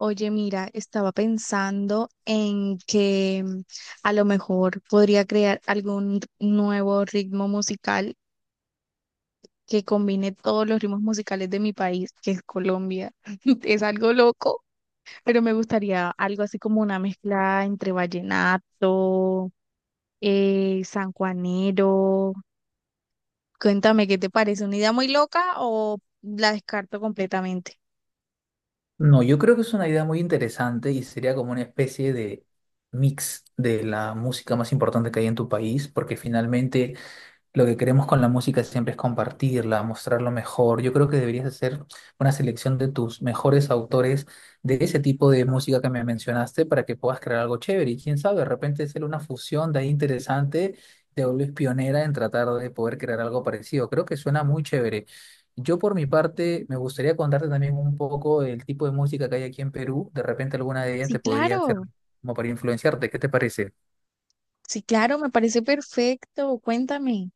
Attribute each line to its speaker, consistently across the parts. Speaker 1: Oye, mira, estaba pensando en que a lo mejor podría crear algún nuevo ritmo musical que combine todos los ritmos musicales de mi país, que es Colombia. Es algo loco, pero me gustaría algo así como una mezcla entre vallenato, sanjuanero. Cuéntame, ¿qué te parece? ¿Una idea muy loca o la descarto completamente?
Speaker 2: No, yo creo que es una idea muy interesante y sería como una especie de mix de la música más importante que hay en tu país, porque finalmente lo que queremos con la música siempre es compartirla, mostrarlo mejor. Yo creo que deberías hacer una selección de tus mejores autores de ese tipo de música que me mencionaste para que puedas crear algo chévere. Y quién sabe, de repente hacer una fusión de ahí interesante, te vuelves pionera en tratar de poder crear algo parecido. Creo que suena muy chévere. Yo por mi parte me gustaría contarte también un poco el tipo de música que hay aquí en Perú. De repente alguna de ellas te
Speaker 1: Sí,
Speaker 2: podría
Speaker 1: claro,
Speaker 2: servir como para influenciarte. ¿Qué te parece?
Speaker 1: sí, claro, me parece perfecto. Cuéntame.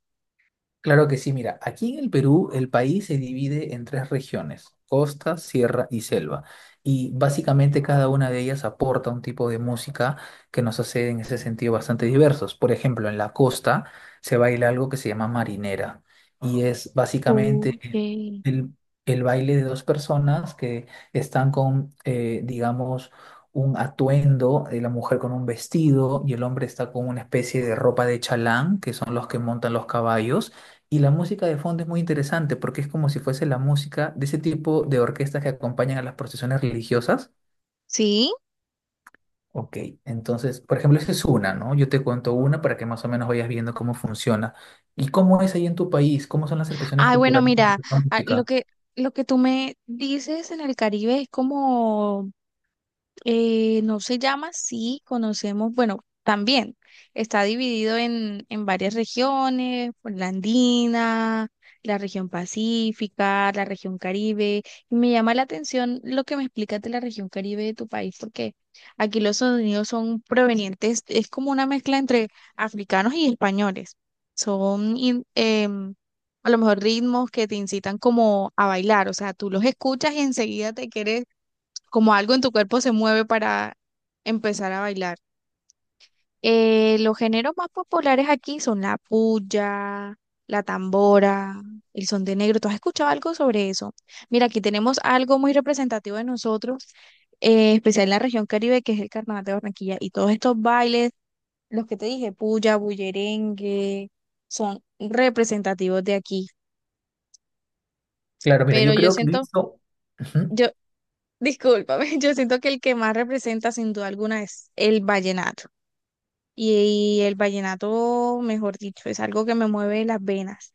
Speaker 2: Claro que sí, mira, aquí en el Perú el país se divide en tres regiones: costa, sierra y selva. Y básicamente cada una de ellas aporta un tipo de música que nos hace en ese sentido bastante diversos. Por ejemplo, en la costa se baila algo que se llama marinera y es básicamente
Speaker 1: Okay.
Speaker 2: el, el baile de dos personas que están con, digamos, un atuendo. La mujer con un vestido y el hombre está con una especie de ropa de chalán, que son los que montan los caballos, y la música de fondo es muy interesante porque es como si fuese la música de ese tipo de orquestas que acompañan a las procesiones religiosas.
Speaker 1: Sí.
Speaker 2: Ok, entonces, por ejemplo, esa es una, ¿no? Yo te cuento una para que más o menos vayas viendo cómo funciona. ¿Y cómo es ahí en tu país? ¿Cómo son las expresiones
Speaker 1: Ay, bueno,
Speaker 2: culturales con
Speaker 1: mira,
Speaker 2: respecto a la
Speaker 1: ah, lo
Speaker 2: música?
Speaker 1: que, lo que tú me dices en el Caribe es como. No se llama, sí conocemos, bueno, también está dividido en varias regiones, por la andina, la región pacífica, la región Caribe, y me llama la atención lo que me explicas de la región Caribe de tu país, porque aquí los sonidos son provenientes, es como una mezcla entre africanos y españoles, son a lo mejor ritmos que te incitan como a bailar, o sea, tú los escuchas y enseguida te quieres, como algo en tu cuerpo se mueve para empezar a bailar. Los géneros más populares aquí son la puya, la tambora, el son de negro. ¿Tú has escuchado algo sobre eso? Mira, aquí tenemos algo muy representativo de nosotros, especial en la región Caribe, que es el Carnaval de Barranquilla. Y todos estos bailes, los que te dije, puya, bullerengue, son representativos de aquí.
Speaker 2: Claro, mira,
Speaker 1: Pero
Speaker 2: yo
Speaker 1: yo
Speaker 2: creo que he
Speaker 1: siento,
Speaker 2: visto... Ujú.
Speaker 1: yo, discúlpame, yo siento que el que más representa sin duda alguna es el vallenato. Y el vallenato, mejor dicho, es algo que me mueve las venas.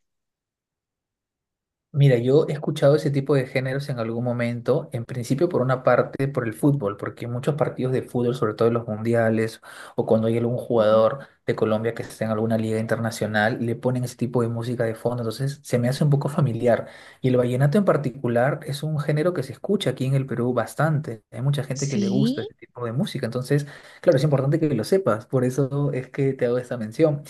Speaker 2: Mira, yo he escuchado ese tipo de géneros en algún momento, en principio por una parte por el fútbol, porque muchos partidos de fútbol, sobre todo en los mundiales o cuando hay algún
Speaker 1: Ujú.
Speaker 2: jugador de Colombia que está en alguna liga internacional, le ponen ese tipo de música de fondo, entonces se me hace un poco familiar. Y el vallenato en particular es un género que se escucha aquí en el Perú bastante, hay mucha gente que le
Speaker 1: Sí.
Speaker 2: gusta ese tipo de música, entonces, claro, es importante que lo sepas, por eso es que te hago esta mención.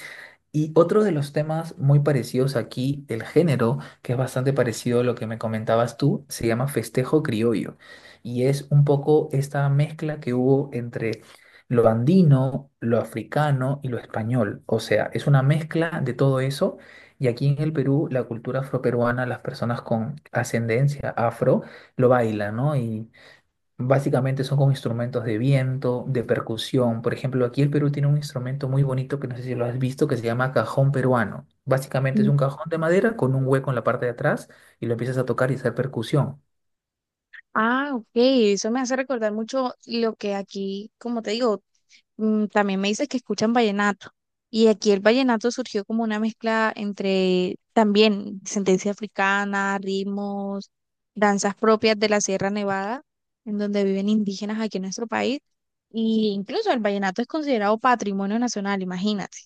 Speaker 2: Y otro de los temas muy parecidos aquí del género, que es bastante parecido a lo que me comentabas tú, se llama festejo criollo. Y es un poco esta mezcla que hubo entre lo andino, lo africano y lo español. O sea, es una mezcla de todo eso. Y aquí en el Perú, la cultura afroperuana, las personas con ascendencia afro lo bailan, ¿no? Y Básicamente son con instrumentos de viento, de percusión. Por ejemplo, aquí el Perú tiene un instrumento muy bonito que no sé si lo has visto, que se llama cajón peruano. Básicamente es
Speaker 1: Mm.
Speaker 2: un cajón de madera con un hueco en la parte de atrás y lo empiezas a tocar y hacer percusión.
Speaker 1: Ah, ok, eso me hace recordar mucho lo que aquí, como te digo, mm, también me dices que escuchan vallenato. Y aquí el vallenato surgió como una mezcla entre también sentencia africana, ritmos, danzas propias de la Sierra Nevada, en donde viven indígenas aquí en nuestro país. Y incluso el vallenato es considerado patrimonio nacional, imagínate.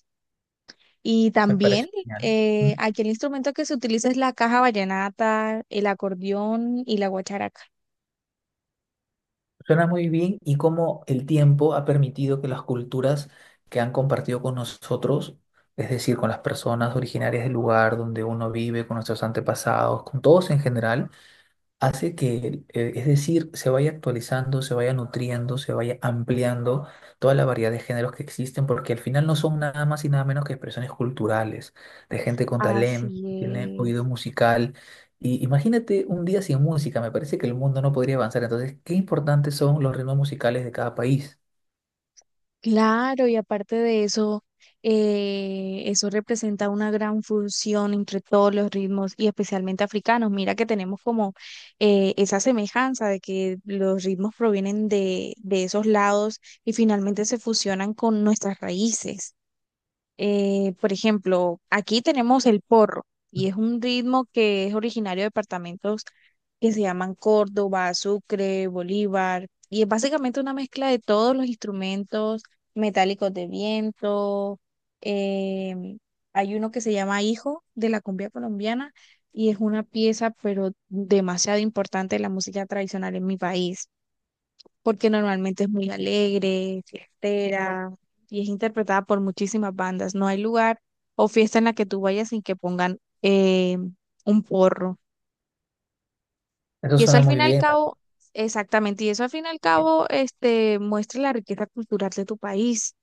Speaker 1: Y
Speaker 2: Me parece
Speaker 1: también
Speaker 2: genial. Mm.
Speaker 1: aquí el instrumento que se utiliza es la caja vallenata, el acordeón y la guacharaca.
Speaker 2: Suena muy bien y cómo el tiempo ha permitido que las culturas que han compartido con nosotros, es decir, con las personas originarias del lugar donde uno vive, con nuestros antepasados, con todos en general, hace que, es decir, se vaya actualizando, se vaya nutriendo, se vaya ampliando toda la variedad de géneros que existen, porque al final no son nada más y nada menos que expresiones culturales, de gente con talento, que tiene
Speaker 1: Así
Speaker 2: oído
Speaker 1: es.
Speaker 2: musical. Y imagínate un día sin música, me parece que el mundo no podría avanzar. Entonces, qué importantes son los ritmos musicales de cada país.
Speaker 1: Claro, y aparte de eso, eso representa una gran fusión entre todos los ritmos y especialmente africanos. Mira que tenemos como esa semejanza de que los ritmos provienen de esos lados y finalmente se fusionan con nuestras raíces. Por ejemplo, aquí tenemos el porro y es un ritmo que es originario de departamentos que se llaman Córdoba, Sucre, Bolívar y es básicamente una mezcla de todos los instrumentos metálicos de viento. em, Hay uno que se llama Hijo de la cumbia colombiana y es una pieza pero demasiado importante de la música tradicional en mi país porque normalmente es muy alegre, fiestera y es interpretada por muchísimas bandas. No hay lugar o fiesta en la que tú vayas sin que pongan un porro.
Speaker 2: Eso
Speaker 1: Y eso
Speaker 2: suena
Speaker 1: al
Speaker 2: muy
Speaker 1: fin y al
Speaker 2: bien, ¿no?
Speaker 1: cabo, exactamente, y eso al fin y al cabo este, muestra la riqueza cultural de tu país.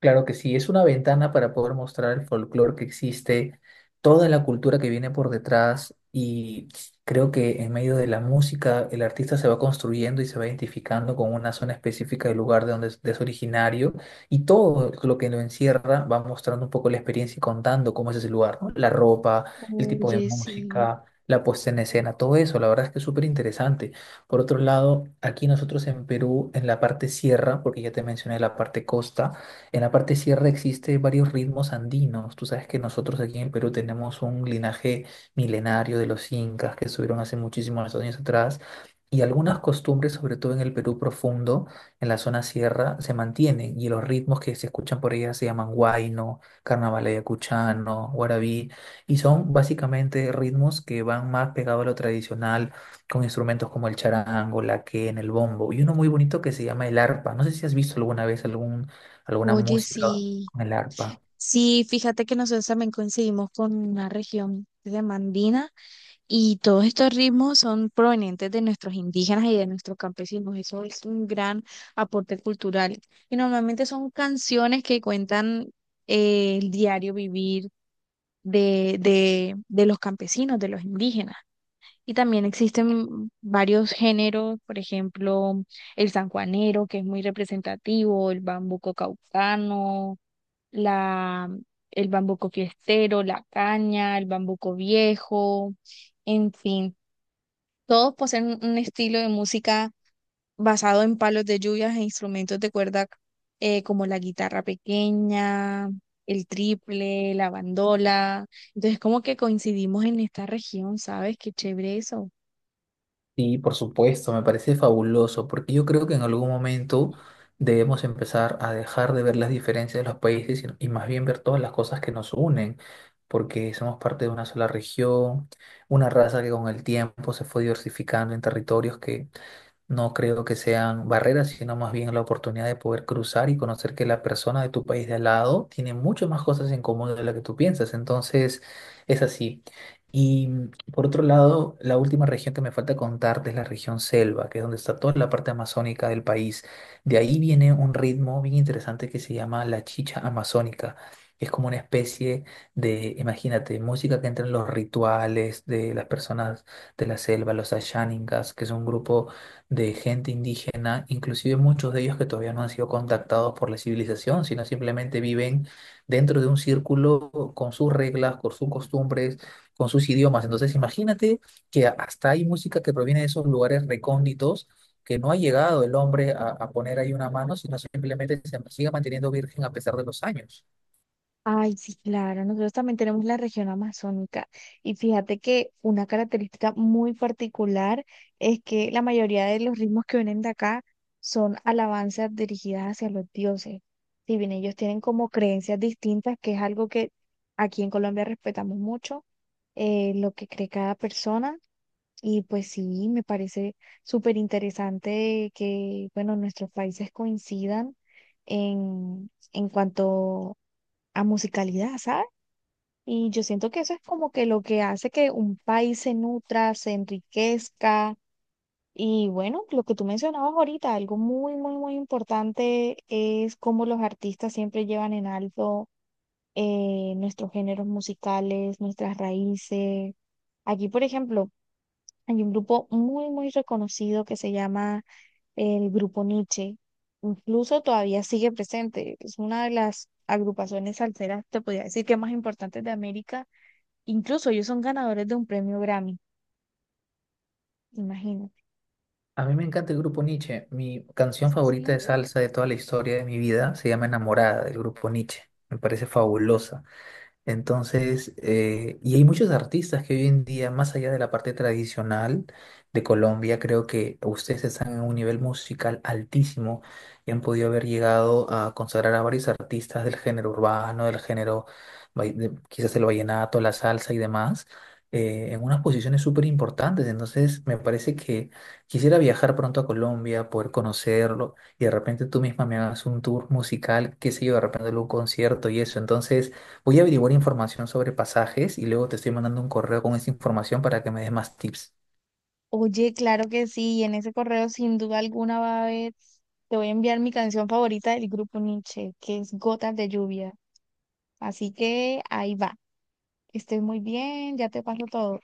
Speaker 2: Claro que sí, es una ventana para poder mostrar el folclore que existe, toda la cultura que viene por detrás, y creo que en medio de la música el artista se va construyendo y se va identificando con una zona específica del lugar de donde es, de es originario, y todo lo que lo encierra va mostrando un poco la experiencia y contando cómo es ese lugar, ¿no? La ropa, el tipo de
Speaker 1: Oye, sí,
Speaker 2: música, la puesta en escena, todo eso, la verdad es que es súper interesante. Por otro lado, aquí nosotros en Perú, en la parte sierra, porque ya te mencioné la parte costa, en la parte sierra existe varios ritmos andinos. Tú sabes que nosotros aquí en el Perú tenemos un linaje milenario de los incas que estuvieron hace muchísimos años atrás, y algunas costumbres, sobre todo en el Perú profundo, en la zona sierra, se mantienen, y los ritmos que se escuchan por ella se llaman huayno, carnaval ayacuchano, guarabí, y son básicamente ritmos que van más pegados a lo tradicional, con instrumentos como el charango, la quena, el bombo y uno muy bonito que se llama el arpa. No sé si has visto alguna vez algún alguna
Speaker 1: oye,
Speaker 2: música
Speaker 1: sí.
Speaker 2: con el arpa.
Speaker 1: Sí, fíjate que nosotros también coincidimos con una región de Mandina. Y todos estos ritmos son provenientes de nuestros indígenas y de nuestros campesinos. Eso es un gran aporte cultural. Y normalmente son canciones que cuentan el diario vivir de los campesinos, de los indígenas. Y también existen varios géneros, por ejemplo, el sanjuanero, que es muy representativo, el bambuco caucano, la, el bambuco fiestero, la caña, el bambuco viejo. En fin, todos poseen un estilo de música basado en palos de lluvias e instrumentos de cuerda, como la guitarra pequeña, el triple, la bandola. Entonces, como que coincidimos en esta región, ¿sabes? Qué chévere eso.
Speaker 2: Sí, por supuesto, me parece fabuloso, porque yo creo que en algún momento debemos empezar a dejar de ver las diferencias de los países y más bien ver todas las cosas que nos unen, porque somos parte de una sola región, una raza que con el tiempo se fue diversificando en territorios que... No creo que sean barreras, sino más bien la oportunidad de poder cruzar y conocer que la persona de tu país de al lado tiene muchas más cosas en común de lo que tú piensas. Entonces, es así. Y por otro lado, la última región que me falta contarte es la región selva, que es donde está toda la parte amazónica del país. De ahí viene un ritmo bien interesante que se llama la chicha amazónica. Es como una especie de, imagínate, música que entra en los rituales de las personas de la selva, los Ashaningas, que es un grupo de gente indígena, inclusive muchos de ellos que todavía no han sido contactados por la civilización, sino simplemente viven dentro de un círculo con sus reglas, con sus costumbres, con sus idiomas. Entonces, imagínate que hasta hay música que proviene de esos lugares recónditos, que no ha llegado el hombre a poner ahí una mano, sino simplemente se sigue manteniendo virgen a pesar de los años.
Speaker 1: Ay, sí, claro, nosotros también tenemos la región amazónica y fíjate que una característica muy particular es que la mayoría de los ritmos que vienen de acá son alabanzas dirigidas hacia los dioses. Si bien ellos tienen como creencias distintas, que es algo que aquí en Colombia respetamos mucho, lo que cree cada persona, y pues sí, me parece súper interesante que, bueno, nuestros países coincidan en cuanto a musicalidad, ¿sabes? Y yo siento que eso es como que lo que hace que un país se nutra, se enriquezca. Y bueno, lo que tú mencionabas ahorita, algo muy, muy, muy importante es cómo los artistas siempre llevan en alto nuestros géneros musicales, nuestras raíces. Aquí, por ejemplo, hay un grupo muy, muy reconocido que se llama el Grupo Nietzsche. Incluso todavía sigue presente. Es una de las agrupaciones salseras, te podría decir que más importantes de América. Incluso ellos son ganadores de un premio Grammy, imagínate.
Speaker 2: A mí me encanta el grupo Nietzsche. Mi canción favorita
Speaker 1: Sí.
Speaker 2: de salsa de toda la historia de mi vida se llama Enamorada, del grupo Nietzsche. Me parece fabulosa. Entonces, y hay muchos artistas que hoy en día, más allá de la parte tradicional de Colombia, creo que ustedes están en un nivel musical altísimo y han podido haber llegado a consagrar a varios artistas del género urbano, del género, quizás el vallenato, la salsa y demás, en unas posiciones súper importantes. Entonces, me parece que quisiera viajar pronto a Colombia, poder conocerlo y de repente tú misma me hagas un tour musical, qué sé yo, de repente algún concierto y eso. Entonces, voy a averiguar información sobre pasajes y luego te estoy mandando un correo con esa información para que me des más tips.
Speaker 1: Oye, claro que sí, y en ese correo sin duda alguna va a haber, te voy a enviar mi canción favorita del grupo Nietzsche, que es Gotas de Lluvia. Así que ahí va. Que estés muy bien, ya te paso todo.